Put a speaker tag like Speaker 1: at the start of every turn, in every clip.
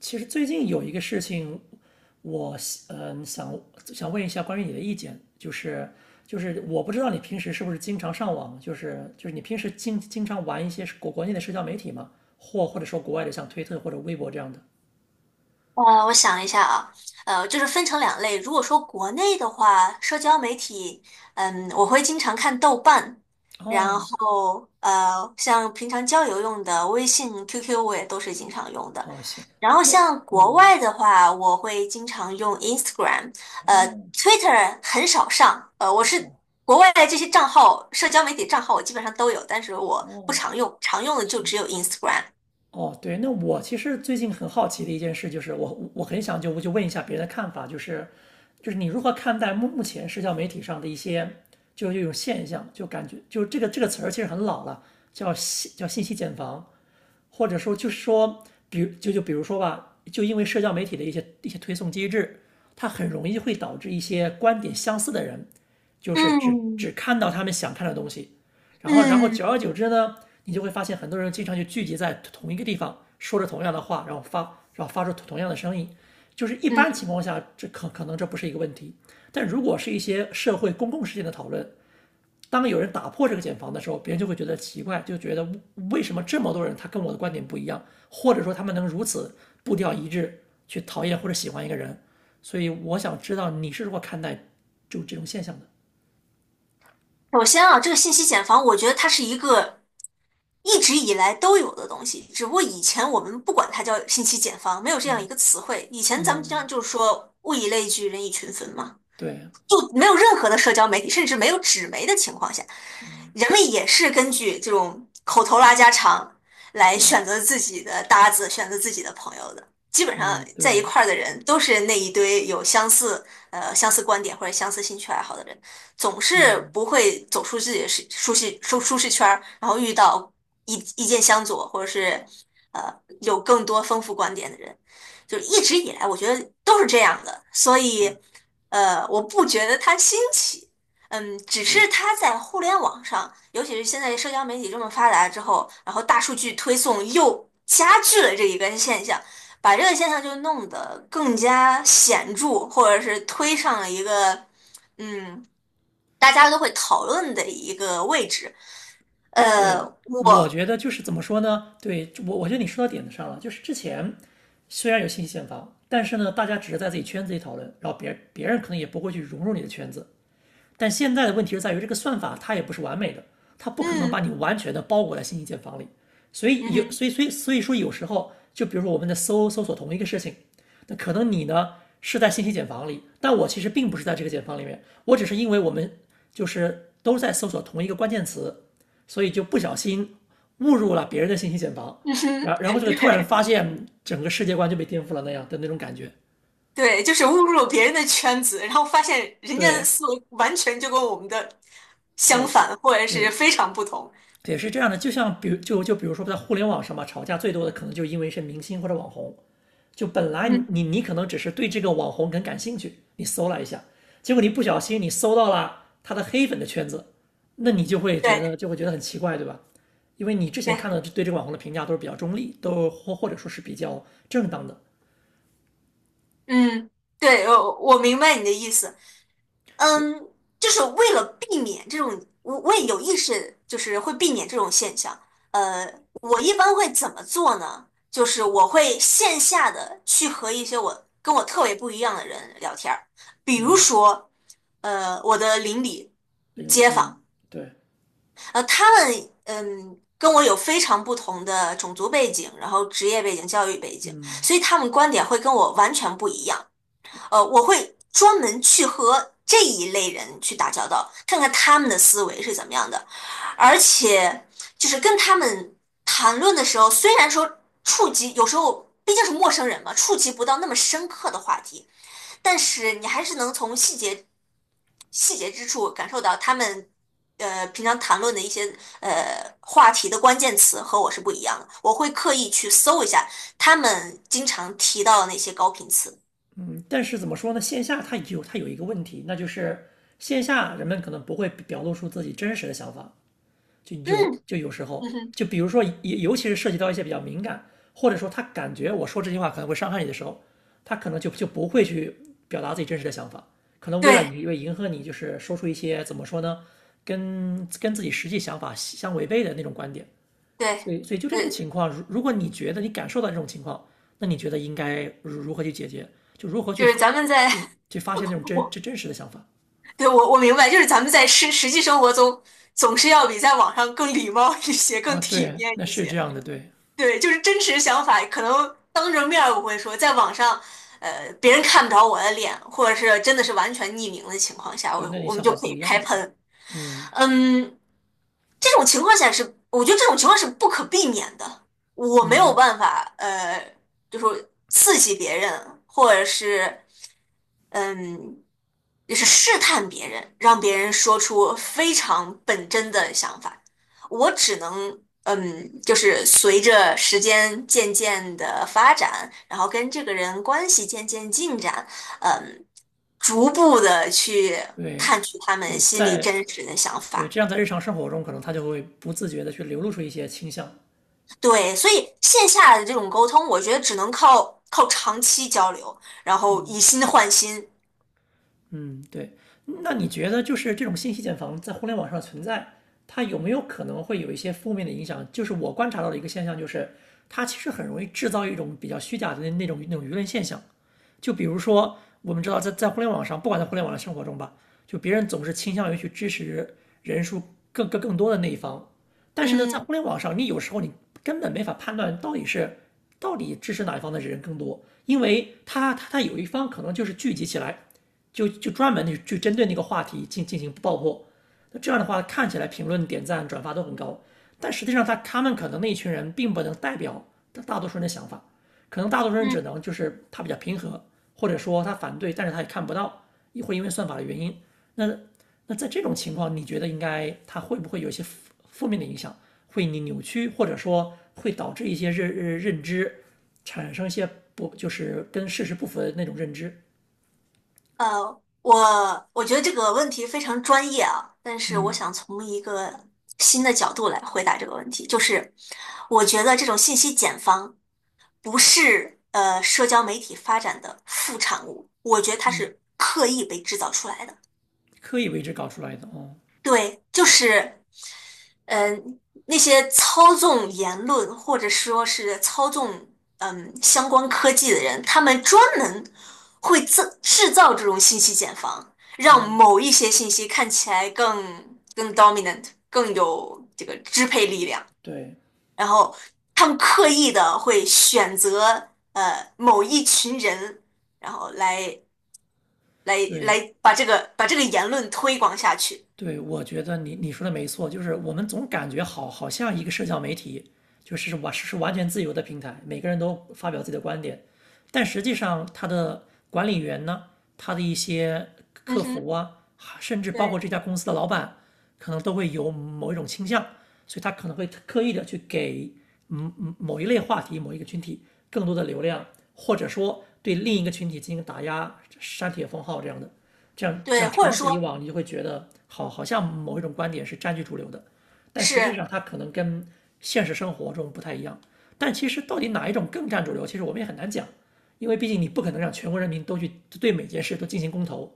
Speaker 1: 其实最近有一个事情，我嗯、呃想想问一下关于你的意见，就是我不知道你平时是不是经常上网，就是你平时经常玩一些国内的社交媒体嘛，或者说国外的像推特或者微博这样的？
Speaker 2: 我想一下啊，就是分成两类。如果说国内的话，社交媒体，我会经常看豆瓣，然
Speaker 1: 哦
Speaker 2: 后像平常交友用的微信、QQ 我也都是经常用的。
Speaker 1: 哦，行，
Speaker 2: 然后
Speaker 1: 那，
Speaker 2: 像国
Speaker 1: 嗯，
Speaker 2: 外的话，我会经常用 Instagram，呃
Speaker 1: 哦，
Speaker 2: ，Twitter 很少上，我
Speaker 1: 是啊，
Speaker 2: 是国外的这些账号，社交媒体账号我基本上都有，但是
Speaker 1: 哦，
Speaker 2: 我不
Speaker 1: 哦，
Speaker 2: 常用，常用的就
Speaker 1: 行。
Speaker 2: 只有 Instagram。
Speaker 1: 哦，对，那我其实最近很好奇的一件事就是我很想就问一下别人的看法，就是你如何看待目前社交媒体上的一些就是这种现象，就感觉就这个词儿其实很老了，叫信息茧房，或者说就是说，比如说吧，就因为社交媒体的一些推送机制，它很容易会导致一些观点相似的人，就是只
Speaker 2: 嗯
Speaker 1: 看到他们想看的东西，然后久
Speaker 2: 嗯
Speaker 1: 而久之呢，你就会发现很多人经常就聚集在同一个地方，说着同样的话，然后发出同样的声音，就是一般
Speaker 2: 嗯。
Speaker 1: 情况下这可能这不是一个问题，但如果是一些社会公共事件的讨论，当有人打破这个茧房的时候，别人就会觉得奇怪，就觉得为什么这么多人他跟我的观点不一样，或者说他们能如此步调一致去讨厌或者喜欢一个人。所以我想知道你是如何看待就这种现象的。
Speaker 2: 首先啊，这个信息茧房，我觉得它是一个一直以来都有的东西，只不过以前我们不管它叫信息茧房，没有这样一个词汇。以前咱们经常
Speaker 1: 嗯，
Speaker 2: 就是说物以类聚，人以群分嘛。
Speaker 1: 对，
Speaker 2: 就没有任何的社交媒体，甚至没有纸媒的情况下，
Speaker 1: 嗯，
Speaker 2: 人们也是根据这种口头拉家常来
Speaker 1: 对，
Speaker 2: 选择自己的搭子，选择自己的朋友的。基本上
Speaker 1: 嗯，
Speaker 2: 在一
Speaker 1: 对，
Speaker 2: 块儿的人都是那一堆有相似相似观点或者相似兴趣爱好的人，总是
Speaker 1: 嗯，
Speaker 2: 不会走出自己的舒适圈儿，然后遇到意见相左或者是呃有更多丰富观点的人，就是一直以来我觉得都是这样的，所
Speaker 1: 对，
Speaker 2: 以。我不觉得它新奇，嗯，只
Speaker 1: 对，
Speaker 2: 是它在互联网上，尤其是现在社交媒体这么发达之后，然后大数据推送又加剧了这一个现象，把这个现象就弄得更加显著，或者是推上了一个，嗯，大家都会讨论的一个位置。呃，
Speaker 1: 对。我
Speaker 2: 我，
Speaker 1: 觉得就是怎么说呢？对，我觉得你说到点子上了。就是之前虽然有信息茧房，但是呢，大家只是在自己圈子里讨论，然后别人可能也不会去融入你的圈子。但现在的问题是在于这个算法它也不是完美的，它不可能把
Speaker 2: 嗯，
Speaker 1: 你完全的包裹在信息茧房里。所以
Speaker 2: 嗯
Speaker 1: 有，
Speaker 2: 哼，
Speaker 1: 所以所以所以说有时候，就比如说我们在搜索同一个事情，那可能你呢是在信息茧房里，但我其实并不是在这个茧房里面，我只是因为我们就是都在搜索同一个关键词，所以就不小心误入了别人的信息茧房，
Speaker 2: 嗯哼，
Speaker 1: 然后 这个突然
Speaker 2: 对。
Speaker 1: 发现整个世界观就被颠覆了那样的那种感觉。
Speaker 2: 对，就是误入别人的圈子，然后发现人家的
Speaker 1: 对
Speaker 2: 思维完全就跟我们的相
Speaker 1: 对
Speaker 2: 反，或者是
Speaker 1: 对，
Speaker 2: 非常不同。
Speaker 1: 也是这样的，就像比如说在互联网上嘛，吵架最多的可能就因为是明星或者网红。就本来
Speaker 2: 嗯，
Speaker 1: 你可能只是对这个网红很感兴趣，你搜了一下，结果你不小心你搜到了他的黑粉的圈子，那你就会觉得
Speaker 2: 对
Speaker 1: 就会觉得很奇怪，对吧？因为你之前
Speaker 2: 对，
Speaker 1: 看到对这个网红的评价都是比较中立，都或者说是比较正当的。
Speaker 2: 嗯，对，我明白你的意思。
Speaker 1: 对，
Speaker 2: 嗯，就是为了避免这种，我也有意识，就是会避免这种现象。呃，我一般会怎么做呢？就是我会线下的去和一些我跟我特别不一样的人聊天儿，比如
Speaker 1: 嗯，
Speaker 2: 说，我的邻里、
Speaker 1: 另类，
Speaker 2: 街
Speaker 1: 嗯，
Speaker 2: 坊。
Speaker 1: 对，
Speaker 2: 呃，他们跟我有非常不同的种族背景，然后职业背景、教育背景，
Speaker 1: 嗯，
Speaker 2: 所以他们观点会跟我完全不一样。
Speaker 1: 对。
Speaker 2: 我会专门去和这一类人去打交道，看看他们的思维是怎么样的，而且就是跟他们谈论的时候，虽然说触及有时候毕竟是陌生人嘛，触及不到那么深刻的话题，但是你还是能从细节之处感受到他们平常谈论的一些话题的关键词和我是不一样的。我会刻意去搜一下他们经常提到的那些高频词。
Speaker 1: 但是怎么说呢？线下它有一个问题，那就是线下人们可能不会表露出自己真实的想法，就
Speaker 2: 嗯
Speaker 1: 有就有时候，
Speaker 2: 嗯哼，
Speaker 1: 就比如说，尤其是涉及到一些比较敏感，或者说他感觉我说这句话可能会伤害你的时候，他可能就不会去表达自己真实的想法，可能为了
Speaker 2: 对
Speaker 1: 为迎合你，就是说出一些怎么说呢，跟自己实际想法相违背的那种观点。所
Speaker 2: 对
Speaker 1: 以，所以就这种
Speaker 2: 对，
Speaker 1: 情况，如果你觉得你感受到这种情况，那你觉得应该如何去解决？就如何去
Speaker 2: 就是咱们在
Speaker 1: 去发现那种 真
Speaker 2: 我
Speaker 1: 真真实的想法
Speaker 2: 对，我明白，就是咱们在实际生活中总是要比在网上更礼貌一些，更
Speaker 1: 啊？
Speaker 2: 体
Speaker 1: 对，
Speaker 2: 面
Speaker 1: 那
Speaker 2: 一
Speaker 1: 是这
Speaker 2: 些。
Speaker 1: 样的，对，
Speaker 2: 对，就是真实想法，可能当着面儿我会说，在网上，别人看不着我的脸，或者是真的是完全匿名的情况下，
Speaker 1: 对，
Speaker 2: 我
Speaker 1: 那你
Speaker 2: 我们
Speaker 1: 想
Speaker 2: 就
Speaker 1: 法
Speaker 2: 可
Speaker 1: 不
Speaker 2: 以
Speaker 1: 一样
Speaker 2: 开
Speaker 1: 的，对，
Speaker 2: 喷。
Speaker 1: 嗯，
Speaker 2: 嗯，这种情况下是，我觉得这种情况是不可避免的，我没有
Speaker 1: 嗯，
Speaker 2: 办法，就说刺激别人，或者是。嗯，就是试探别人，让别人说出非常本真的想法。我只能，嗯，就是随着时间渐渐的发展，然后跟这个人关系渐渐进展，嗯，逐步的去
Speaker 1: 对，
Speaker 2: 探取他们
Speaker 1: 对，
Speaker 2: 心里
Speaker 1: 在，
Speaker 2: 真实的想
Speaker 1: 对，这
Speaker 2: 法。
Speaker 1: 样，在日常生活中，可能他就会不自觉的去流露出一些倾向，
Speaker 2: 对，所以线下的这种沟通，我觉得只能靠长期交流，然后以心换心。
Speaker 1: 嗯，对。那你觉得就是这种信息茧房在互联网上存在，它有没有可能会有一些负面的影响？就是我观察到的一个现象，就是它其实很容易制造一种比较虚假的那种那种舆论现象。就比如说，我们知道在互联网上，不管在互联网的生活中吧，就别人总是倾向于去支持人数更多的那一方，但是呢，在
Speaker 2: 嗯
Speaker 1: 互联网上，你有时候你根本没法判断到底是到底支持哪一方的人更多，因为他有一方可能就是聚集起来，就专门去针对那个话题进行爆破，那这样的话看起来评论、点赞、转发都很高，但实际上他们可能那一群人并不能代表大多数人的想法。可能大多数人只
Speaker 2: 嗯。
Speaker 1: 能就是他比较平和，或者说他反对，但是他也看不到，也会因为算法的原因。那在这种情况，你觉得应该他会不会有一些负面的影响，会你扭曲，或者说会导致一些认知产生一些不就是跟事实不符的那种认知，
Speaker 2: 我觉得这个问题非常专业啊，但是我想从一个新的角度来回答这个问题，就是我觉得这种信息茧房不是社交媒体发展的副产物，我觉得它
Speaker 1: 嗯，
Speaker 2: 是刻意被制造出来的。
Speaker 1: 刻意为之搞出来的哦，
Speaker 2: 对，就是，嗯、那些操纵言论或者说是操纵相关科技的人，他们专门会制造这种信息茧房，让某一些信息看起来更 dominant，更有这个支配力量，
Speaker 1: 对，
Speaker 2: 然后他们刻意的会选择某一群人，然后来
Speaker 1: 对，
Speaker 2: 来把这个言论推广下去。
Speaker 1: 对，我觉得你说的没错，就是我们总感觉好像一个社交媒体就是完全自由的平台，每个人都发表自己的观点，但实际上它的管理员呢，他的一些
Speaker 2: 嗯
Speaker 1: 客服
Speaker 2: 哼。
Speaker 1: 啊，甚至包括
Speaker 2: 对。
Speaker 1: 这家公司的老板，可能都会有某一种倾向，所以他可能会刻意的去给某一类话题、某一个群体更多的流量，或者说对另一个群体进行打压、删帖封号这样的。这样这
Speaker 2: 对，
Speaker 1: 样
Speaker 2: 或者
Speaker 1: 长此以
Speaker 2: 说
Speaker 1: 往，你就会觉得好像某一种观点是占据主流的，但实际
Speaker 2: 是
Speaker 1: 上它可能跟现实生活中不太一样。但其实到底哪一种更占主流，其实我们也很难讲，因为毕竟你不可能让全国人民都去对每件事都进行公投。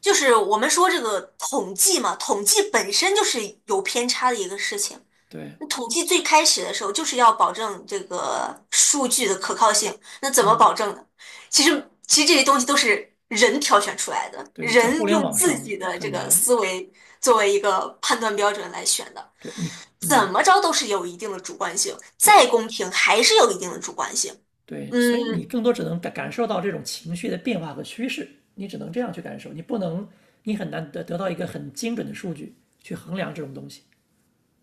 Speaker 2: 就是我们说这个统计嘛，统计本身就是有偏差的一个事情。
Speaker 1: 对，
Speaker 2: 那统计最开始的时候就是要保证这个数据的可靠性，那怎么
Speaker 1: 嗯，
Speaker 2: 保证呢？其实这些东西都是人挑选出来的，
Speaker 1: 对，在
Speaker 2: 人
Speaker 1: 互联
Speaker 2: 用
Speaker 1: 网
Speaker 2: 自
Speaker 1: 上
Speaker 2: 己的这
Speaker 1: 很
Speaker 2: 个
Speaker 1: 难。
Speaker 2: 思维作为一个判断标准来选的，
Speaker 1: 对，你，
Speaker 2: 怎
Speaker 1: 嗯，
Speaker 2: 么着都是有一定的主观性，
Speaker 1: 对，
Speaker 2: 再公平还是有一定的主观性。
Speaker 1: 对，
Speaker 2: 嗯，
Speaker 1: 所以你更多只能感受到这种情绪的变化和趋势，你只能这样去感受，你不能，你很难得到一个很精准的数据去衡量这种东西。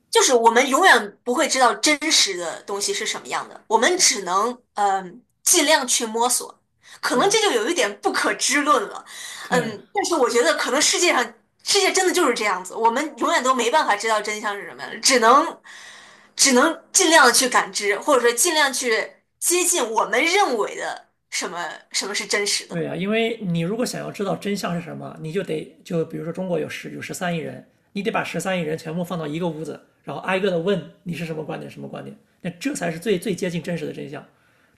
Speaker 2: 就是我们永远不会知道真实的东西是什么样的，我们只能尽量去摸索，可能
Speaker 1: 对，
Speaker 2: 这就有一点不可知论了，
Speaker 1: 对，
Speaker 2: 嗯，但是我觉得可能世界真的就是这样子，我们永远都没办法知道真相是什么样的，只能尽量的去感知，或者说尽量去接近我们认为的什么是真实的。
Speaker 1: 对呀，因为你如果想要知道真相是什么，你就得就比如说中国有十三亿人，你得把十三亿人全部放到一个屋子，然后挨个的问你是什么观点，什么观点，那这才是最最接近真实的真相。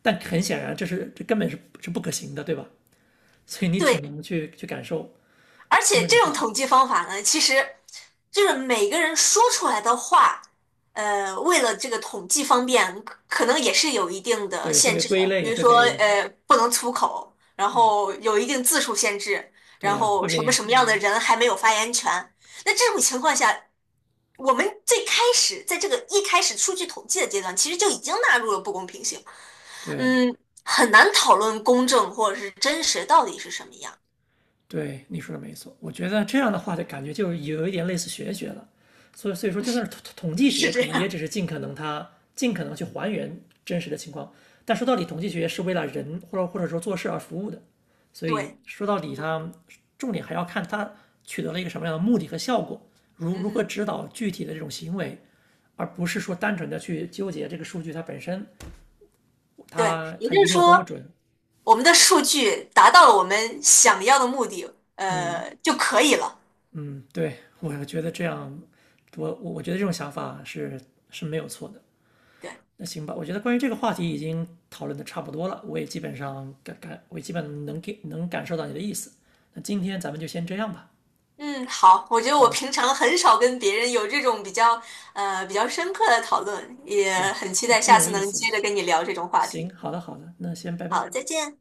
Speaker 1: 但很显然，这根本是不可行的，对吧？所以你只
Speaker 2: 对，
Speaker 1: 能去感受，
Speaker 2: 而
Speaker 1: 通
Speaker 2: 且
Speaker 1: 过什种
Speaker 2: 这
Speaker 1: 去
Speaker 2: 种
Speaker 1: 想，
Speaker 2: 统计方法呢，其实就是每个人说出来的话，为了这个统计方便，可能也是有一定的
Speaker 1: 对，会
Speaker 2: 限
Speaker 1: 被
Speaker 2: 制
Speaker 1: 归
Speaker 2: 的。
Speaker 1: 类，
Speaker 2: 比如
Speaker 1: 会
Speaker 2: 说，
Speaker 1: 被，
Speaker 2: 不能粗口，然
Speaker 1: 对呀，
Speaker 2: 后有一定字数限制，
Speaker 1: 对
Speaker 2: 然
Speaker 1: 呀，
Speaker 2: 后
Speaker 1: 会被，
Speaker 2: 什么样的
Speaker 1: 嗯，
Speaker 2: 人还没有发言权。那这种情况下，我们最开始在这个一开始数据统计的阶段，其实就已经纳入了不公平性。
Speaker 1: 对，
Speaker 2: 嗯，很难讨论公正或者是真实到底是什么样，
Speaker 1: 对，你说的没错。我觉得这样的话，的感觉就有一点类似玄学了。所以，所以说，就算是统计学，
Speaker 2: 是这
Speaker 1: 可能也只
Speaker 2: 样。
Speaker 1: 是尽可能它尽可能去还原真实的情况。但说到底，统计学是为了人或者说做事而服务的。所以
Speaker 2: 对，
Speaker 1: 说到底，它重点还要看它取得了一个什么样的目的和效果，如
Speaker 2: 嗯
Speaker 1: 如何
Speaker 2: 哼。
Speaker 1: 指导具体的这种行为，而不是说单纯的去纠结这个数据它本身，
Speaker 2: 对，
Speaker 1: 它
Speaker 2: 也
Speaker 1: 它
Speaker 2: 就
Speaker 1: 一定
Speaker 2: 是
Speaker 1: 要多么
Speaker 2: 说，
Speaker 1: 准，
Speaker 2: 我们的数据达到了我们想要的目的，就可以了。
Speaker 1: 嗯，对，我觉得这样，我觉得这种想法是是没有错的。
Speaker 2: 对，
Speaker 1: 那行吧，我觉得关于这个话题已经讨论的差不多了，我也基本能感受到你的意思。那今天咱们就先这样吧。
Speaker 2: 嗯，好，我觉得我
Speaker 1: 好的，
Speaker 2: 平常很少跟别人有这种比较，比较深刻的讨论，也
Speaker 1: 行，
Speaker 2: 很期
Speaker 1: 那
Speaker 2: 待
Speaker 1: 挺
Speaker 2: 下
Speaker 1: 有
Speaker 2: 次
Speaker 1: 意
Speaker 2: 能
Speaker 1: 思的。
Speaker 2: 接着跟你聊这种话
Speaker 1: 行，
Speaker 2: 题。
Speaker 1: 好的好的，那先拜拜。
Speaker 2: 好，再见。